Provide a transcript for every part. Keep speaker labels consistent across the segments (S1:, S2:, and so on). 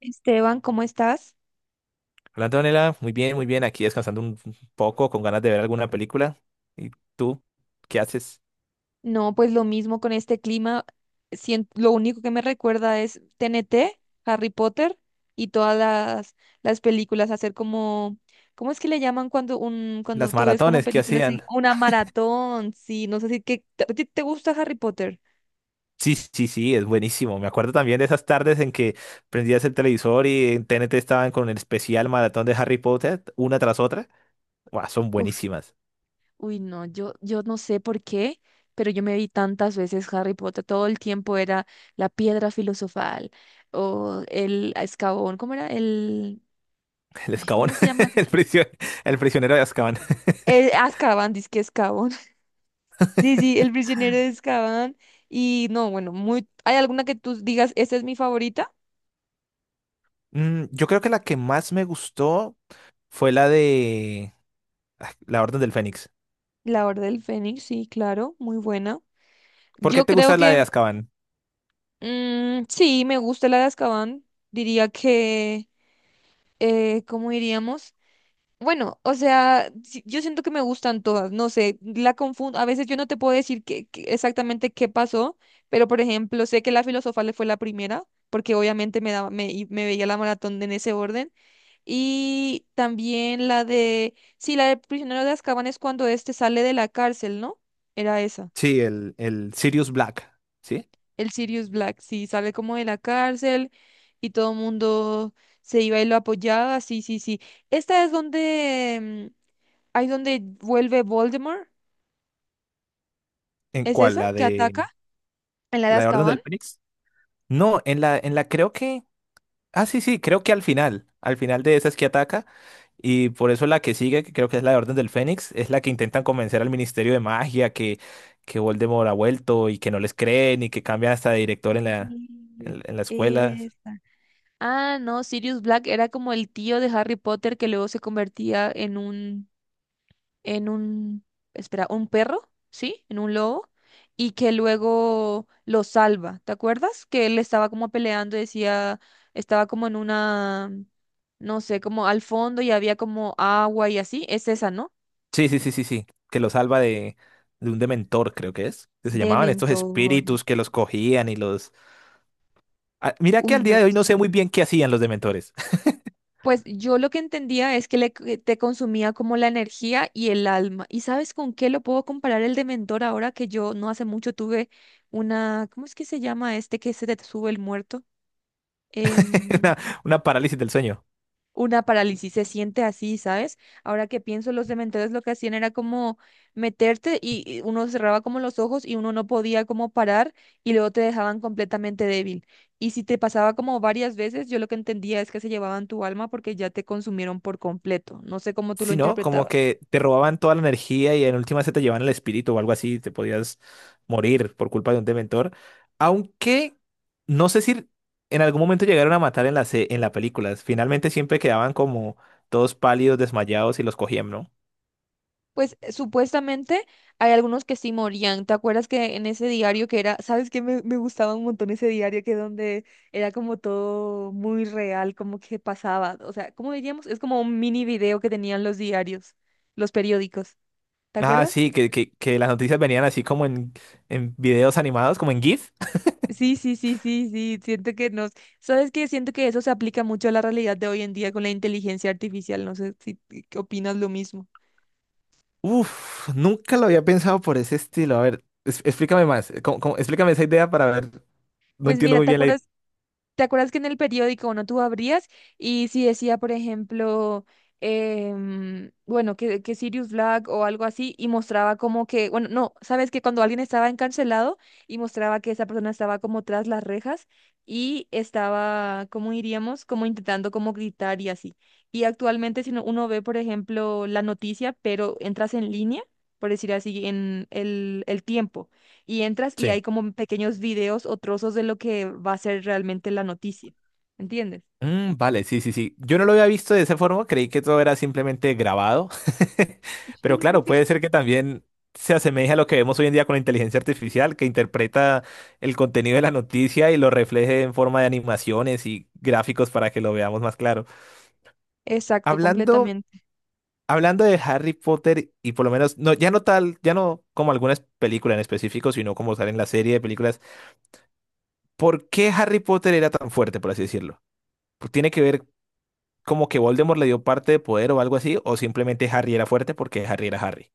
S1: Esteban, ¿cómo estás?
S2: Hola Antonella, muy bien, muy bien. Aquí descansando un poco con ganas de ver alguna película. ¿Y tú qué haces?
S1: No, pues lo mismo con este clima. Lo único que me recuerda es T N T, Harry Potter y las películas. Hacer como, ¿cómo es que le llaman cuando cuando
S2: Las
S1: tú ves como
S2: maratones que
S1: películas?
S2: hacían.
S1: Una maratón, sí, no sé si que, ¿a ti te gusta Harry Potter?
S2: Sí, sí, sí, es buenísimo. Me acuerdo también de esas tardes en que prendías el televisor y en TNT estaban con el especial maratón de Harry Potter, una tras otra. Buah, son
S1: Uf,
S2: buenísimas.
S1: uy, no, yo no sé por qué, pero yo me vi tantas veces Harry Potter. Todo el tiempo era la piedra filosofal o el escabón, ¿cómo era?
S2: El
S1: Ay,
S2: Azkaban,
S1: ¿cómo se llama?
S2: el prisio- el prisionero de Azkaban.
S1: El Azkaban, dice que Azkaban. Sí, sí, el prisionero de Azkaban. Y no, bueno, muy... ¿Hay alguna que tú digas, esta es mi favorita?
S2: Mm, yo creo que la que más me gustó fue la de La Orden del Fénix.
S1: La Orden del Fénix, sí, claro, muy buena.
S2: ¿Por qué
S1: Yo
S2: te
S1: creo
S2: gusta la de
S1: que
S2: Azkaban?
S1: sí, me gusta la de Azkaban. Diría que, ¿cómo diríamos? Bueno, o sea, sí, yo siento que me gustan todas, no sé, la confundo, a veces yo no te puedo decir exactamente qué pasó, pero por ejemplo, sé que la filosofal fue la primera, porque obviamente y me veía la maratón en ese orden. Y también sí, la de Prisionero de Azkaban es cuando este sale de la cárcel, ¿no? Era esa,
S2: Sí, el Sirius Black. ¿Sí?
S1: el Sirius Black, sí, sale como de la cárcel y todo el mundo se iba y lo apoyaba, sí, sí, sí. Esta es donde, ahí donde vuelve Voldemort,
S2: ¿En
S1: ¿es
S2: cuál?
S1: esa que ataca en la de
S2: La de Orden
S1: Azkaban?
S2: del Fénix? No, en la creo que. Ah, sí, sí, creo que al final. Al final de esa es que ataca. Y por eso la que sigue, que creo que es la de Orden del Fénix, es la que intentan convencer al Ministerio de Magia que Voldemort ha vuelto y que no les creen y que cambian hasta de director en la,
S1: Sí,
S2: en la escuela.
S1: esa. Ah, no, Sirius Black era como el tío de Harry Potter que luego se convertía en un en un, espera, un perro, ¿sí? En un lobo, y que luego lo salva. ¿Te acuerdas? Que él estaba como peleando, y decía, estaba como en una, no sé, como al fondo y había como agua y así. Es esa, ¿no?
S2: Sí, sí, sí, sí, sí. Que lo salva de un dementor, creo que es. Que se llamaban estos
S1: Dementores.
S2: espíritus que los cogían y los. Ah, mira que
S1: Uy,
S2: al día
S1: no.
S2: de hoy no sé muy bien qué hacían los dementores.
S1: Pues yo lo que entendía es que que te consumía como la energía y el alma. ¿Y sabes con qué lo puedo comparar el dementor ahora que yo no hace mucho tuve una, ¿cómo es que se llama este que se te sube el muerto? Em,
S2: Una, una parálisis del sueño.
S1: una parálisis, se siente así, ¿sabes? Ahora que pienso, los cementerios lo que hacían era como meterte y uno cerraba como los ojos y uno no podía como parar y luego te dejaban completamente débil. Y si te pasaba como varias veces, yo lo que entendía es que se llevaban tu alma porque ya te consumieron por completo. No sé cómo tú lo
S2: Sí, ¿no? Como
S1: interpretabas.
S2: que te robaban toda la energía y en última se te llevaban el espíritu o algo así, te podías morir por culpa de un dementor. Aunque no sé si en algún momento llegaron a matar en la, en la película. Finalmente siempre quedaban como todos pálidos, desmayados y los cogían, ¿no?
S1: Pues supuestamente hay algunos que sí morían. ¿Te acuerdas que en ese diario que era, sabes que me gustaba un montón ese diario que donde era como todo muy real, como que pasaba? O sea, ¿cómo diríamos? Es como un mini video que tenían los diarios, los periódicos. ¿Te
S2: Ah,
S1: acuerdas?
S2: sí, que las noticias venían así como en videos animados, como en GIF.
S1: Sí, sí, sí, sí, sí. Siento que nos, sabes que siento que eso se aplica mucho a la realidad de hoy en día con la inteligencia artificial. No sé si opinas lo mismo.
S2: Uf, nunca lo había pensado por ese estilo. A ver, explícame más. Explícame esa idea para ver. No
S1: Pues
S2: entiendo
S1: mira,
S2: muy
S1: ¿te
S2: bien la
S1: acuerdas? ¿Te acuerdas que en el periódico, no tú abrías y si decía, por ejemplo, bueno, que Sirius Black o algo así y mostraba como que, bueno, no, sabes que cuando alguien estaba encarcelado y mostraba que esa persona estaba como tras las rejas y estaba, ¿cómo diríamos? Como intentando como gritar y así. Y actualmente uno ve, por ejemplo, la noticia, pero entras en línea, por decir así, en el tiempo y entras y
S2: idea.
S1: hay como pequeños videos o trozos de lo que va a ser realmente la noticia. ¿Entiendes?
S2: Mm, vale, sí, sí, sí. Yo no lo había visto de esa forma, creí que todo era simplemente grabado. Pero claro, puede ser que también se asemeje a lo que vemos hoy en día con la inteligencia artificial, que interpreta el contenido de la noticia y lo refleje en forma de animaciones y gráficos para que lo veamos más claro.
S1: Exacto,
S2: Hablando,
S1: completamente.
S2: hablando de Harry Potter y por lo menos, no, ya no tal, ya no como algunas películas en específico, sino como sale en la serie de películas, ¿por qué Harry Potter era tan fuerte, por así decirlo? ¿Tiene que ver como que Voldemort le dio parte de poder o algo así, o simplemente Harry era fuerte porque Harry era Harry?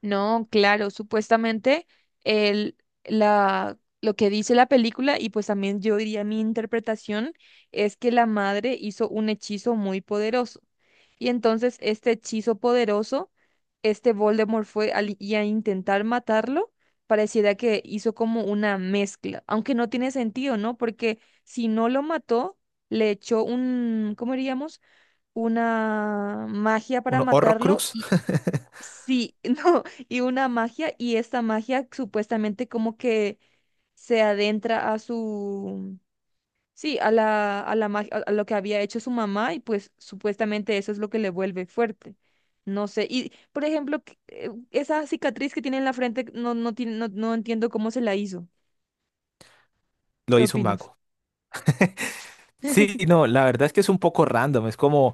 S1: No, claro, supuestamente el, lo que dice la película y pues también yo diría mi interpretación es que la madre hizo un hechizo muy poderoso. Y entonces este hechizo poderoso, este Voldemort fue a intentar matarlo, pareciera que hizo como una mezcla, aunque no tiene sentido, ¿no? Porque si no lo mató, le echó un, ¿cómo diríamos? Una magia para
S2: Uno,
S1: matarlo
S2: Horrocrux,
S1: y sí, no, y una magia y esta magia supuestamente como que se adentra a su sí, a la, mag- a lo que había hecho su mamá y pues supuestamente eso es lo que le vuelve fuerte. No sé, y por ejemplo, esa cicatriz que tiene en la frente, no, no, tiene, no, no entiendo cómo se la hizo.
S2: lo
S1: ¿Qué
S2: hizo un
S1: opinas?
S2: mago. Sí, no, la verdad es que es un poco random. Es como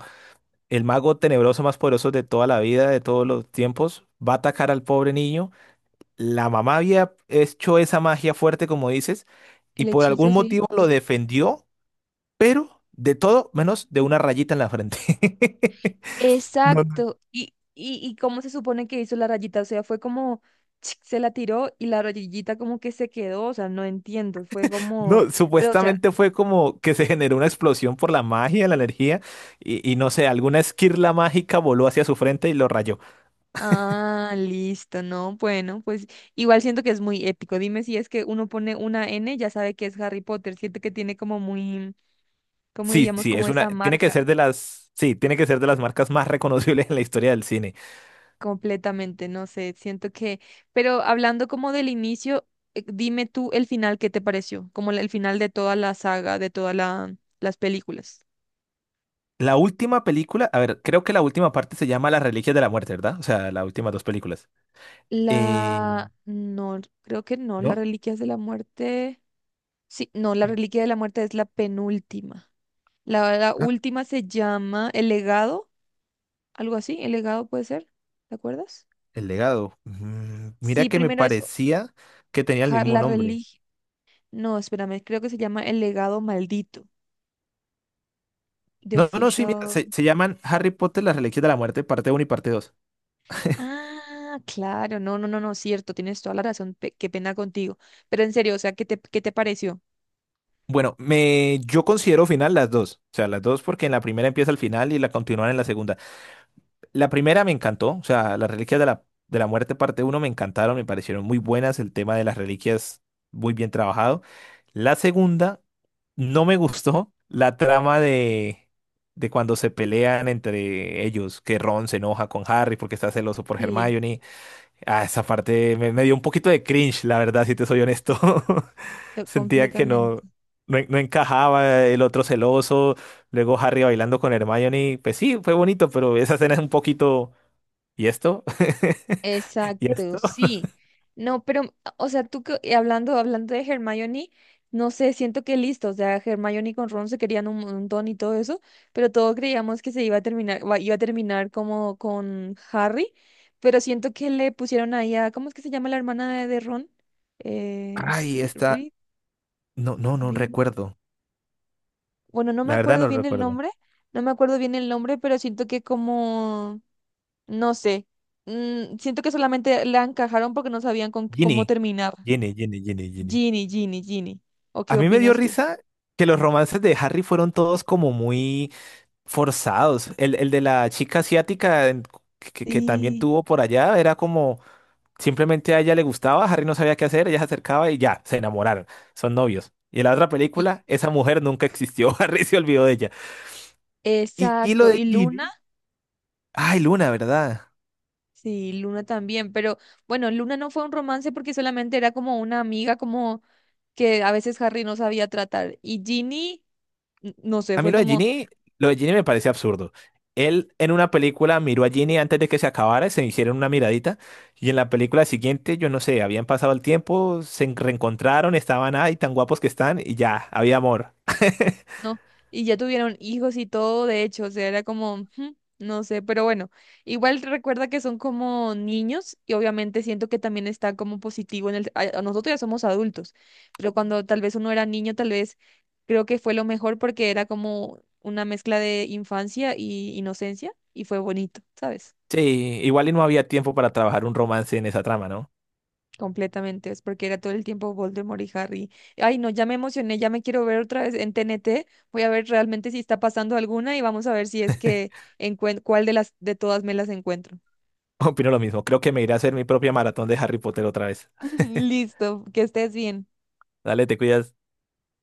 S2: el mago tenebroso más poderoso de toda la vida, de todos los tiempos, va a atacar al pobre niño. La mamá había hecho esa magia fuerte, como dices, y
S1: El
S2: por
S1: hechizo,
S2: algún
S1: sí.
S2: motivo lo defendió, pero de todo menos de una rayita en la frente. No,
S1: Exacto. ¿Y cómo se supone que hizo la rayita? O sea, fue como se la tiró y la rayita como que se quedó, o sea, no entiendo, fue como,
S2: No,
S1: pero o sea,
S2: supuestamente fue como que se generó una explosión por la magia, la energía, y no sé, alguna esquirla mágica voló hacia su frente y lo rayó.
S1: ah, listo, no, bueno, pues igual siento que es muy épico. Dime si es que uno pone una N, ya sabe que es Harry Potter, siento que tiene como muy, como
S2: Sí,
S1: diríamos,
S2: sí,
S1: como
S2: es una,
S1: esa
S2: tiene que ser
S1: marca
S2: de las, sí, tiene que ser de las marcas más reconocibles en la historia del cine.
S1: completamente, no sé, siento que, pero hablando como del inicio, dime tú el final, ¿qué te pareció? Como el final de toda la saga, de todas las películas.
S2: La última película, a ver, creo que la última parte se llama Las Reliquias de la Muerte, ¿verdad? O sea, las últimas dos películas. Eh,
S1: La, no, creo que no, la
S2: ¿No?
S1: Reliquias de la Muerte, sí, no, la Reliquia de la Muerte es la penúltima. La
S2: Ah,
S1: última se llama El Legado, algo así, El Legado puede ser, ¿te acuerdas?
S2: El Legado. Mm, mira
S1: Sí,
S2: que me
S1: primero es
S2: parecía que tenía el mismo
S1: la
S2: nombre.
S1: religión. No, espérame, creo que se llama El Legado Maldito, The
S2: No, no, no, sí, mira,
S1: Official.
S2: se llaman Harry Potter, Las Reliquias de la Muerte, parte uno y parte 2.
S1: Ah, claro, no, no, no, no, cierto, tienes toda la razón, qué pena contigo. Pero en serio, o sea, qué te pareció?
S2: Bueno, yo considero final las dos, o sea, las dos porque en la primera empieza el final y la continúan en la segunda. La primera me encantó, o sea, las reliquias de la muerte parte uno me encantaron, me parecieron muy buenas, el tema de las reliquias muy bien trabajado. La segunda no me gustó, la trama de cuando se pelean entre ellos, que Ron se enoja con Harry porque está celoso por
S1: Sí,
S2: Hermione. Ah, esa parte me dio un poquito de cringe, la verdad, si te soy honesto. Sentía que no,
S1: completamente.
S2: no, no encajaba el otro celoso, luego Harry bailando con Hermione. Pues sí, fue bonito, pero esa escena es un poquito... ¿Y esto? ¿Y
S1: Exacto,
S2: esto?
S1: sí. No, pero, o sea, y hablando, hablando de Hermione, no sé, siento que listo, o sea, Hermione con Ron se querían un montón y todo eso, pero todos creíamos que se iba a terminar, iba a terminar como con Harry, pero siento que le pusieron ahí a, ¿cómo es que se llama la hermana de Ron?
S2: Ay, esta...
S1: Reed,
S2: No, no, no
S1: Vi-
S2: recuerdo.
S1: bueno, no me
S2: La verdad
S1: acuerdo
S2: no
S1: bien el
S2: recuerdo.
S1: nombre, no me acuerdo bien el nombre, pero siento que como no sé. Siento que solamente la encajaron porque no sabían con cómo
S2: Ginny.
S1: terminar.
S2: Ginny, Ginny, Ginny, Ginny.
S1: Ginny, Ginny, Ginny. ¿O
S2: A
S1: qué
S2: mí me dio
S1: opinas tú?
S2: risa que los romances de Harry fueron todos como muy... forzados. El de la chica asiática que también
S1: Sí.
S2: tuvo por allá era como simplemente a ella le gustaba, Harry no sabía qué hacer, ella se acercaba y ya, se enamoraron, son novios. Y en la otra
S1: y-
S2: película, esa mujer nunca existió. Harry se olvidó de ella. Y lo
S1: exacto.
S2: de
S1: ¿Y Luna?
S2: Ginny, ay, Luna, ¿verdad?
S1: Sí, Luna también. Pero bueno, Luna no fue un romance porque solamente era como una amiga, como que a veces Harry no sabía tratar. Y Ginny, no sé,
S2: A mí
S1: fue como
S2: Lo de Genie me parece absurdo. Él en una película miró a Genie antes de que se acabara, se hicieron una miradita y en la película siguiente, yo no sé, habían pasado el tiempo, reencontraron, estaban ahí tan guapos que están y ya, había amor.
S1: no, y ya tuvieron hijos y todo, de hecho, o sea, era como, "Ujú, no sé, pero bueno, igual recuerda que son como niños y obviamente siento que también está como positivo en el, a nosotros ya somos adultos, pero cuando tal vez uno era niño, tal vez creo que fue lo mejor porque era como una mezcla de infancia y inocencia y fue bonito, ¿sabes?
S2: Sí, igual y no había tiempo para trabajar un romance en esa trama, ¿no?
S1: Completamente, es porque era todo el tiempo Voldemort y Harry. Ay, no, ya me emocioné, ya me quiero ver otra vez en TNT. Voy a ver realmente si está pasando alguna y vamos a ver si es que encuentro cuál de las de todas me las encuentro.
S2: Opino lo mismo, creo que me iré a hacer mi propia maratón de Harry Potter otra vez.
S1: Listo, que estés bien.
S2: Dale, te cuidas.